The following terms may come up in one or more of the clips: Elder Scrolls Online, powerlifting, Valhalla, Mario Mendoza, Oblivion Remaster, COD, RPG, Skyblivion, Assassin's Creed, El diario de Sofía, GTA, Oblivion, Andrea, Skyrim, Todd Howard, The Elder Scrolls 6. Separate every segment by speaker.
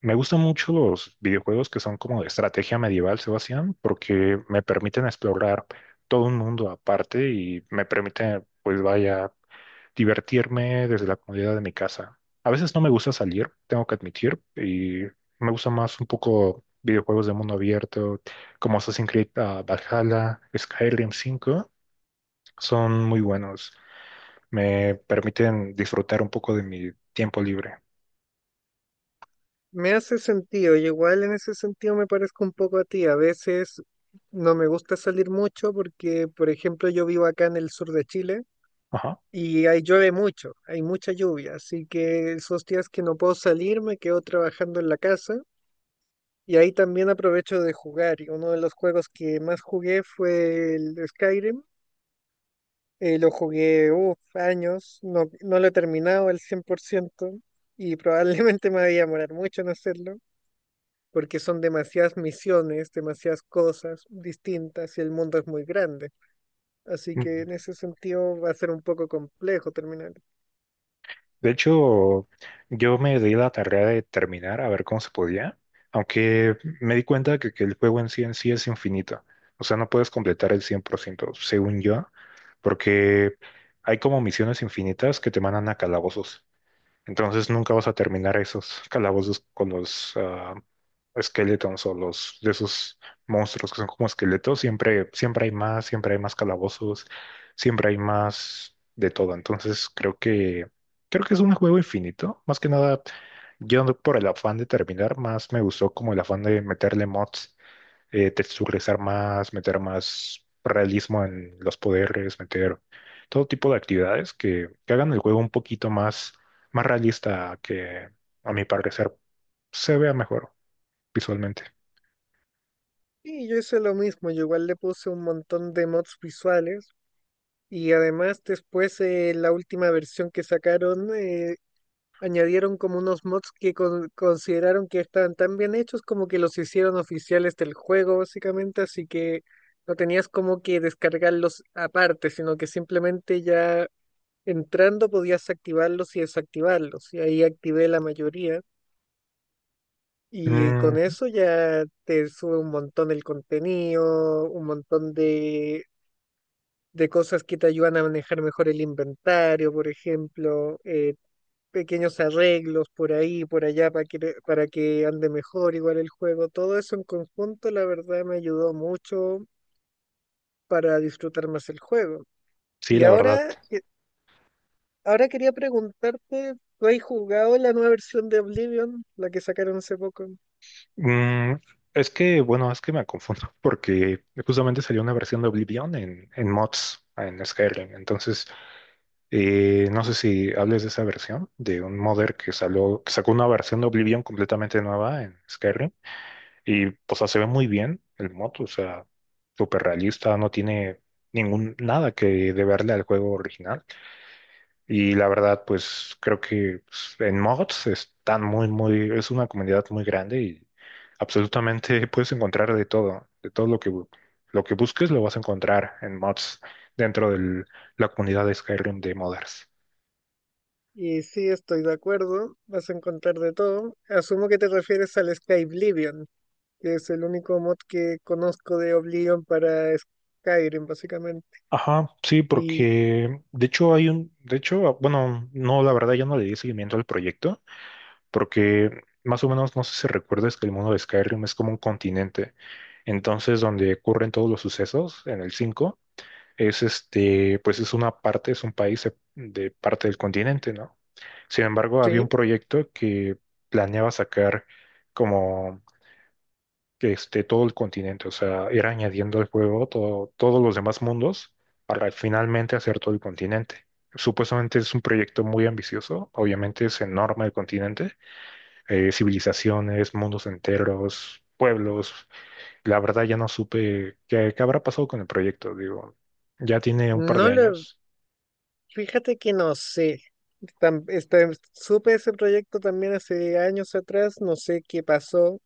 Speaker 1: Me gustan mucho los videojuegos que son como de estrategia medieval, Sebastián, porque me permiten explorar todo un mundo aparte y me permite, pues vaya, divertirme desde la comodidad de mi casa. A veces no me gusta salir, tengo que admitir, y me gusta más un poco videojuegos de mundo abierto, como Assassin's Creed, ah, Valhalla, Skyrim 5, son muy buenos. Me permiten disfrutar un poco de mi tiempo libre.
Speaker 2: Me hace sentido, y igual en ese sentido me parezco un poco a ti. A veces no me gusta salir mucho porque, por ejemplo, yo vivo acá en el sur de Chile
Speaker 1: Ajá.
Speaker 2: y ahí llueve mucho, hay mucha lluvia, así que esos días que no puedo salir me quedo trabajando en la casa y ahí también aprovecho de jugar. Y uno de los juegos que más jugué fue el Skyrim, lo jugué uf, años, no lo he terminado al 100% y probablemente me voy a demorar mucho en hacerlo porque son demasiadas misiones, demasiadas cosas distintas y el mundo es muy grande. Así que en ese sentido va a ser un poco complejo terminar.
Speaker 1: De hecho, yo me di la tarea de terminar a ver cómo se podía, aunque me di cuenta que el juego en sí es infinito. O sea, no puedes completar el 100%, según yo, porque hay como misiones infinitas que te mandan a calabozos. Entonces nunca vas a terminar esos calabozos con los esqueletos o los de esos monstruos que son como esqueletos. Siempre, siempre hay más calabozos, siempre hay más de todo. Entonces creo que es un juego infinito. Más que nada, yo no por el afán de terminar, más me gustó como el afán de meterle mods, texturizar más, meter más realismo en los poderes, meter todo tipo de actividades que hagan el juego un poquito más, más realista que, a mi parecer, se vea mejor visualmente.
Speaker 2: Y yo hice lo mismo, yo igual le puse un montón de mods visuales y además después la última versión que sacaron añadieron como unos mods que consideraron que estaban tan bien hechos como que los hicieron oficiales del juego básicamente, así que no tenías como que descargarlos aparte, sino que simplemente ya entrando podías activarlos y desactivarlos, y ahí activé la mayoría. Y con
Speaker 1: Mm,
Speaker 2: eso ya te sube un montón el contenido, un montón de cosas que te ayudan a manejar mejor el inventario, por ejemplo, pequeños arreglos por ahí, por allá, para que ande mejor igual el juego. Todo eso en conjunto, la verdad, me ayudó mucho para disfrutar más el juego.
Speaker 1: sí,
Speaker 2: Y
Speaker 1: la verdad.
Speaker 2: ahora, Ahora quería preguntarte, ¿tú has jugado la nueva versión de Oblivion, la que sacaron hace poco?
Speaker 1: Mm, es que, bueno, es que me confundo porque justamente salió una versión de Oblivion en mods, en Skyrim. Entonces, no sé si hables de esa versión, de un modder que salió, que sacó una versión de Oblivion completamente nueva en Skyrim. Y, o sea, se ve muy bien el moto, o sea, súper realista, no tiene ningún, nada que deberle al juego original. Y la verdad, pues creo que pues, en mods están muy, muy, es una comunidad muy grande y absolutamente puedes encontrar de todo lo que busques lo vas a encontrar en mods dentro de la comunidad de Skyrim de modders.
Speaker 2: Y sí, estoy de acuerdo, vas a encontrar de todo. Asumio que te refieres al Skyblivion, que es el único mod que conozco de Oblivion para Skyrim, básicamente.
Speaker 1: Ajá, sí,
Speaker 2: Y
Speaker 1: porque de hecho de hecho, bueno, no, la verdad ya no le di seguimiento al proyecto, porque más o menos no sé si recuerdas que el mundo de Skyrim es como un continente. Entonces, donde ocurren todos los sucesos en el 5 es este, pues es una parte, es un país de parte del continente, ¿no? Sin embargo, había
Speaker 2: sí,
Speaker 1: un proyecto que planeaba sacar como este todo el continente, o sea, ir añadiendo al juego todos los demás mundos para finalmente hacer todo el continente. Supuestamente es un proyecto muy ambicioso, obviamente es enorme el continente, civilizaciones, mundos enteros, pueblos. La verdad ya no supe qué habrá pasado con el proyecto, digo, ya tiene un par
Speaker 2: no
Speaker 1: de
Speaker 2: lo,
Speaker 1: años.
Speaker 2: fíjate que no sé. Supe ese proyecto también hace años atrás, no sé qué pasó,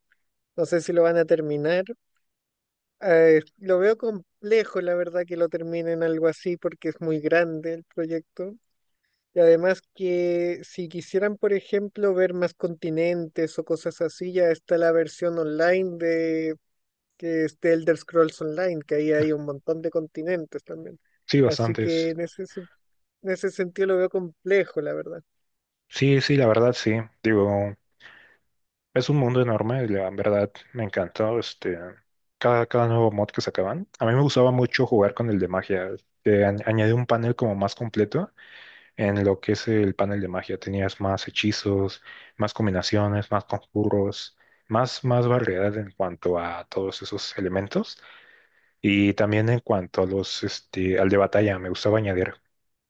Speaker 2: no sé si lo van a terminar. Lo veo complejo, la verdad, que lo terminen algo así porque es muy grande el proyecto. Y además que si quisieran, por ejemplo, ver más continentes o cosas así, ya está la versión online de que es de Elder Scrolls Online, que ahí hay un montón de continentes también.
Speaker 1: Sí,
Speaker 2: Así que
Speaker 1: bastantes.
Speaker 2: en en ese sentido lo veo complejo, la verdad.
Speaker 1: Sí, sí, la verdad sí. Digo, es un mundo enorme, la verdad me encantó cada nuevo mod que sacaban. A mí me gustaba mucho jugar con el de magia, que añade un panel como más completo. En lo que es el panel de magia tenías más hechizos, más combinaciones, más conjuros, más, más variedad en cuanto a todos esos elementos. Y también en cuanto a al de batalla, me gustaba añadir,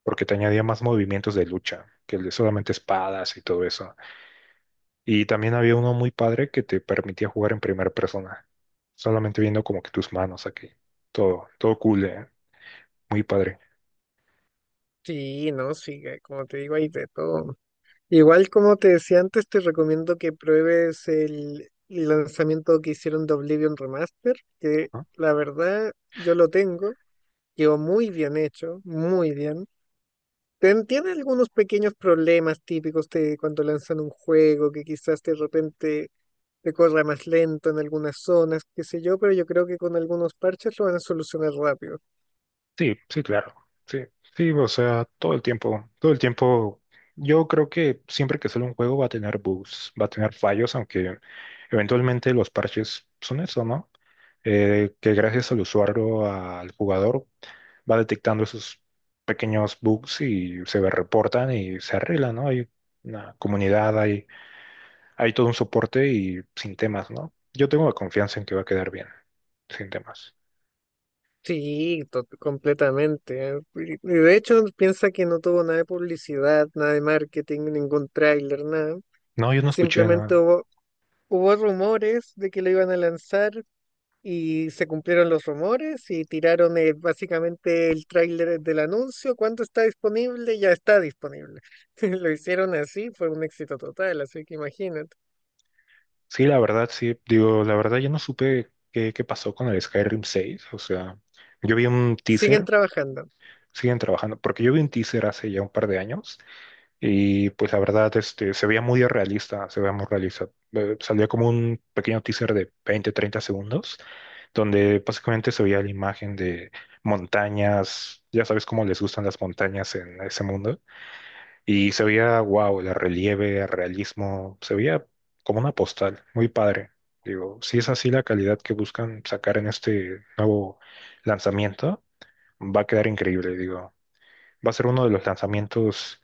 Speaker 1: porque te añadía más movimientos de lucha, que el de solamente espadas y todo eso. Y también había uno muy padre que te permitía jugar en primera persona, solamente viendo como que tus manos aquí. Todo, todo cool, muy padre.
Speaker 2: Sí, no, sí, como te digo, hay de todo. Igual como te decía antes, te recomiendo que pruebes el lanzamiento que hicieron de Oblivion Remaster, que
Speaker 1: ¿No?
Speaker 2: la verdad yo lo tengo, quedó muy bien hecho, muy bien. Tiene algunos pequeños problemas típicos de cuando lanzan un juego, que quizás de repente te corra más lento en algunas zonas, qué sé yo, pero yo creo que con algunos parches lo van a solucionar rápido.
Speaker 1: Sí, sí, claro. Sí, sí, o sea, todo el tiempo, todo el tiempo. Yo creo que siempre que sale un juego va a tener bugs, va a tener fallos, aunque eventualmente los parches son eso, ¿no? Que gracias al usuario, al jugador, va detectando esos pequeños bugs y se reportan y se arreglan, ¿no? Hay una comunidad, hay todo un soporte y sin temas, ¿no? Yo tengo la confianza en que va a quedar bien, sin temas.
Speaker 2: Sí, completamente, ¿eh? Y de hecho, piensa que no tuvo nada de publicidad, nada de marketing, ningún tráiler, nada.
Speaker 1: No, yo no escuché,
Speaker 2: Simplemente
Speaker 1: nada.
Speaker 2: hubo rumores de que lo iban a lanzar y se cumplieron los rumores y tiraron básicamente el tráiler del anuncio. ¿Cuándo está disponible? Ya está disponible. Lo hicieron así, fue un éxito total, así que imagínate.
Speaker 1: Sí, la verdad, sí. Digo, la verdad, yo no supe qué pasó con el Skyrim 6. O sea, yo vi un
Speaker 2: Siguen
Speaker 1: teaser,
Speaker 2: trabajando.
Speaker 1: siguen trabajando, porque yo vi un teaser hace ya un par de años y pues la verdad, se veía muy realista, se veía muy realista. Salía como un pequeño teaser de 20, 30 segundos, donde básicamente se veía la imagen de montañas, ya sabes cómo les gustan las montañas en ese mundo. Y se veía, wow, el relieve, el realismo, se veía como una postal, muy padre. Digo, si es así la calidad que buscan sacar en este nuevo lanzamiento, va a quedar increíble, digo. Va a ser uno de los lanzamientos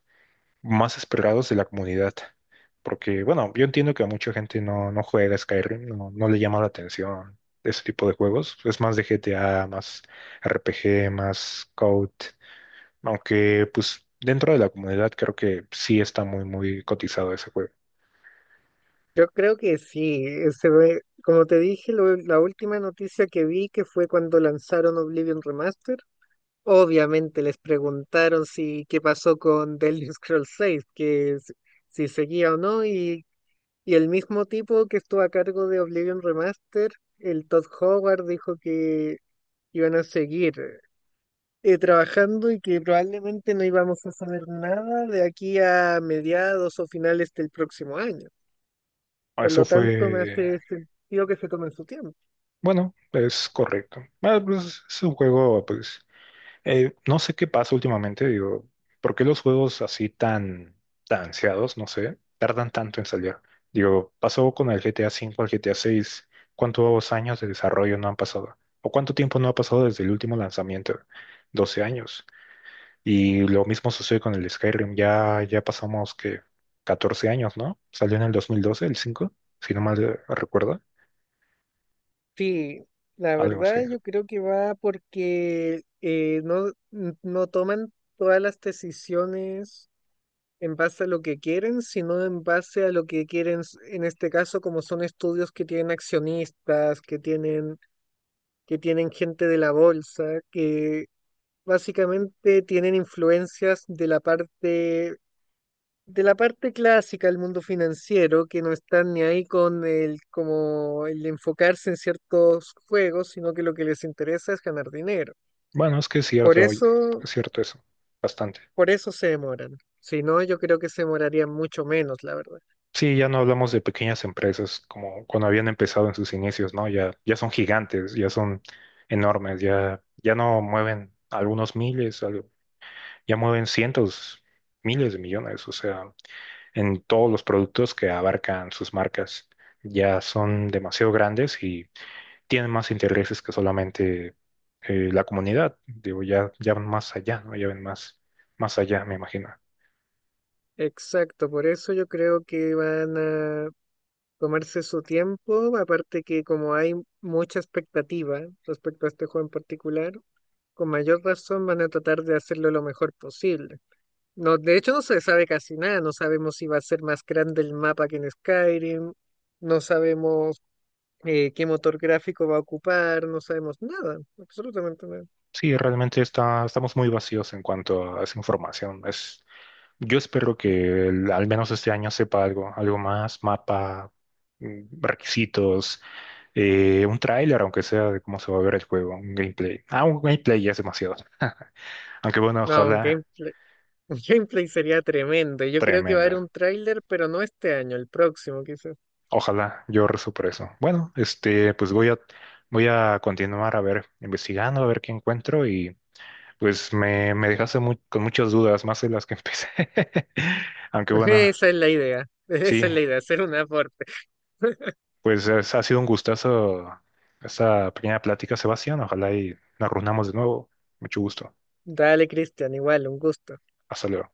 Speaker 1: más esperados de la comunidad. Porque, bueno, yo entiendo que a mucha gente no juega Skyrim, no le llama la atención ese tipo de juegos. Es más de GTA, más RPG, más COD. Aunque, pues, dentro de la comunidad creo que sí está muy, muy cotizado ese juego.
Speaker 2: Yo creo que sí, se ve, como te dije, la última noticia que vi que fue cuando lanzaron Oblivion Remaster, obviamente les preguntaron si qué pasó con The Elder Scrolls 6, si seguía o no, y el mismo tipo que estuvo a cargo de Oblivion Remaster, el Todd Howard, dijo que iban a seguir trabajando y que probablemente no íbamos a saber nada de aquí a mediados o finales del próximo año. Por
Speaker 1: Eso
Speaker 2: lo tanto, me
Speaker 1: fue,
Speaker 2: hace sentido que se tomen su tiempo.
Speaker 1: bueno, es correcto. Ah, pues, es un juego, pues, no sé qué pasa últimamente, digo, ¿por qué los juegos así tan, tan ansiados, no sé, tardan tanto en salir? Digo, pasó con el GTA 5 al GTA 6, ¿cuántos años de desarrollo no han pasado? ¿O cuánto tiempo no ha pasado desde el último lanzamiento? 12 años. Y lo mismo sucede con el Skyrim, ya pasamos que 14 años, ¿no? Salió en el 2012 el 5 si no mal recuerdo,
Speaker 2: Sí, la
Speaker 1: algo así.
Speaker 2: verdad yo creo que va porque no toman todas las decisiones en base a lo que quieren, sino en base a lo que quieren, en este caso, como son estudios que tienen accionistas, que tienen gente de la bolsa, que básicamente tienen influencias de la parte clásica del mundo financiero, que no están ni ahí con el, como el enfocarse en ciertos juegos, sino que lo que les interesa es ganar dinero.
Speaker 1: Bueno, es que es
Speaker 2: Por
Speaker 1: cierto, oye,
Speaker 2: eso,
Speaker 1: es cierto eso, bastante.
Speaker 2: por eso se demoran. Si no, yo creo que se demorarían mucho menos, la verdad.
Speaker 1: Sí, ya no hablamos de pequeñas empresas como cuando habían empezado en sus inicios, ¿no? Ya son gigantes, ya son enormes, ya no mueven algunos miles, algo, ya mueven cientos, miles de millones, o sea, en todos los productos que abarcan sus marcas. Ya son demasiado grandes y tienen más intereses que solamente, la comunidad. Digo, ya van más allá, ¿no? Ya ven más allá, me imagino.
Speaker 2: Exacto, por eso yo creo que van a tomarse su tiempo, aparte que como hay mucha expectativa respecto a este juego en particular, con mayor razón van a tratar de hacerlo lo mejor posible. No, de hecho no se sabe casi nada, no sabemos si va a ser más grande el mapa que en Skyrim, no sabemos qué motor gráfico va a ocupar, no sabemos nada, absolutamente nada.
Speaker 1: Sí, realmente estamos muy vacíos en cuanto a esa información. Yo espero que al menos este año sepa algo, algo más, mapa, requisitos, un tráiler, aunque sea de cómo se va a ver el juego, un gameplay. Ah, un gameplay ya es demasiado. Aunque bueno,
Speaker 2: No, un
Speaker 1: ojalá.
Speaker 2: gameplay, un gameplay sería tremendo. Yo creo que va a haber
Speaker 1: Tremenda.
Speaker 2: un tráiler, pero no este año, el próximo quizás.
Speaker 1: Ojalá yo rezo por eso. Bueno, pues voy a, continuar a ver, investigando, a ver qué encuentro y pues me dejaste con muchas dudas, más de las que empecé. Aunque bueno,
Speaker 2: Esa es la idea,
Speaker 1: sí,
Speaker 2: esa es la idea, hacer un aporte.
Speaker 1: pues ha sido un gustazo esta pequeña plática, Sebastián. Ojalá y nos reunamos de nuevo. Mucho gusto.
Speaker 2: Dale, Cristian, igual, un gusto.
Speaker 1: Hasta luego.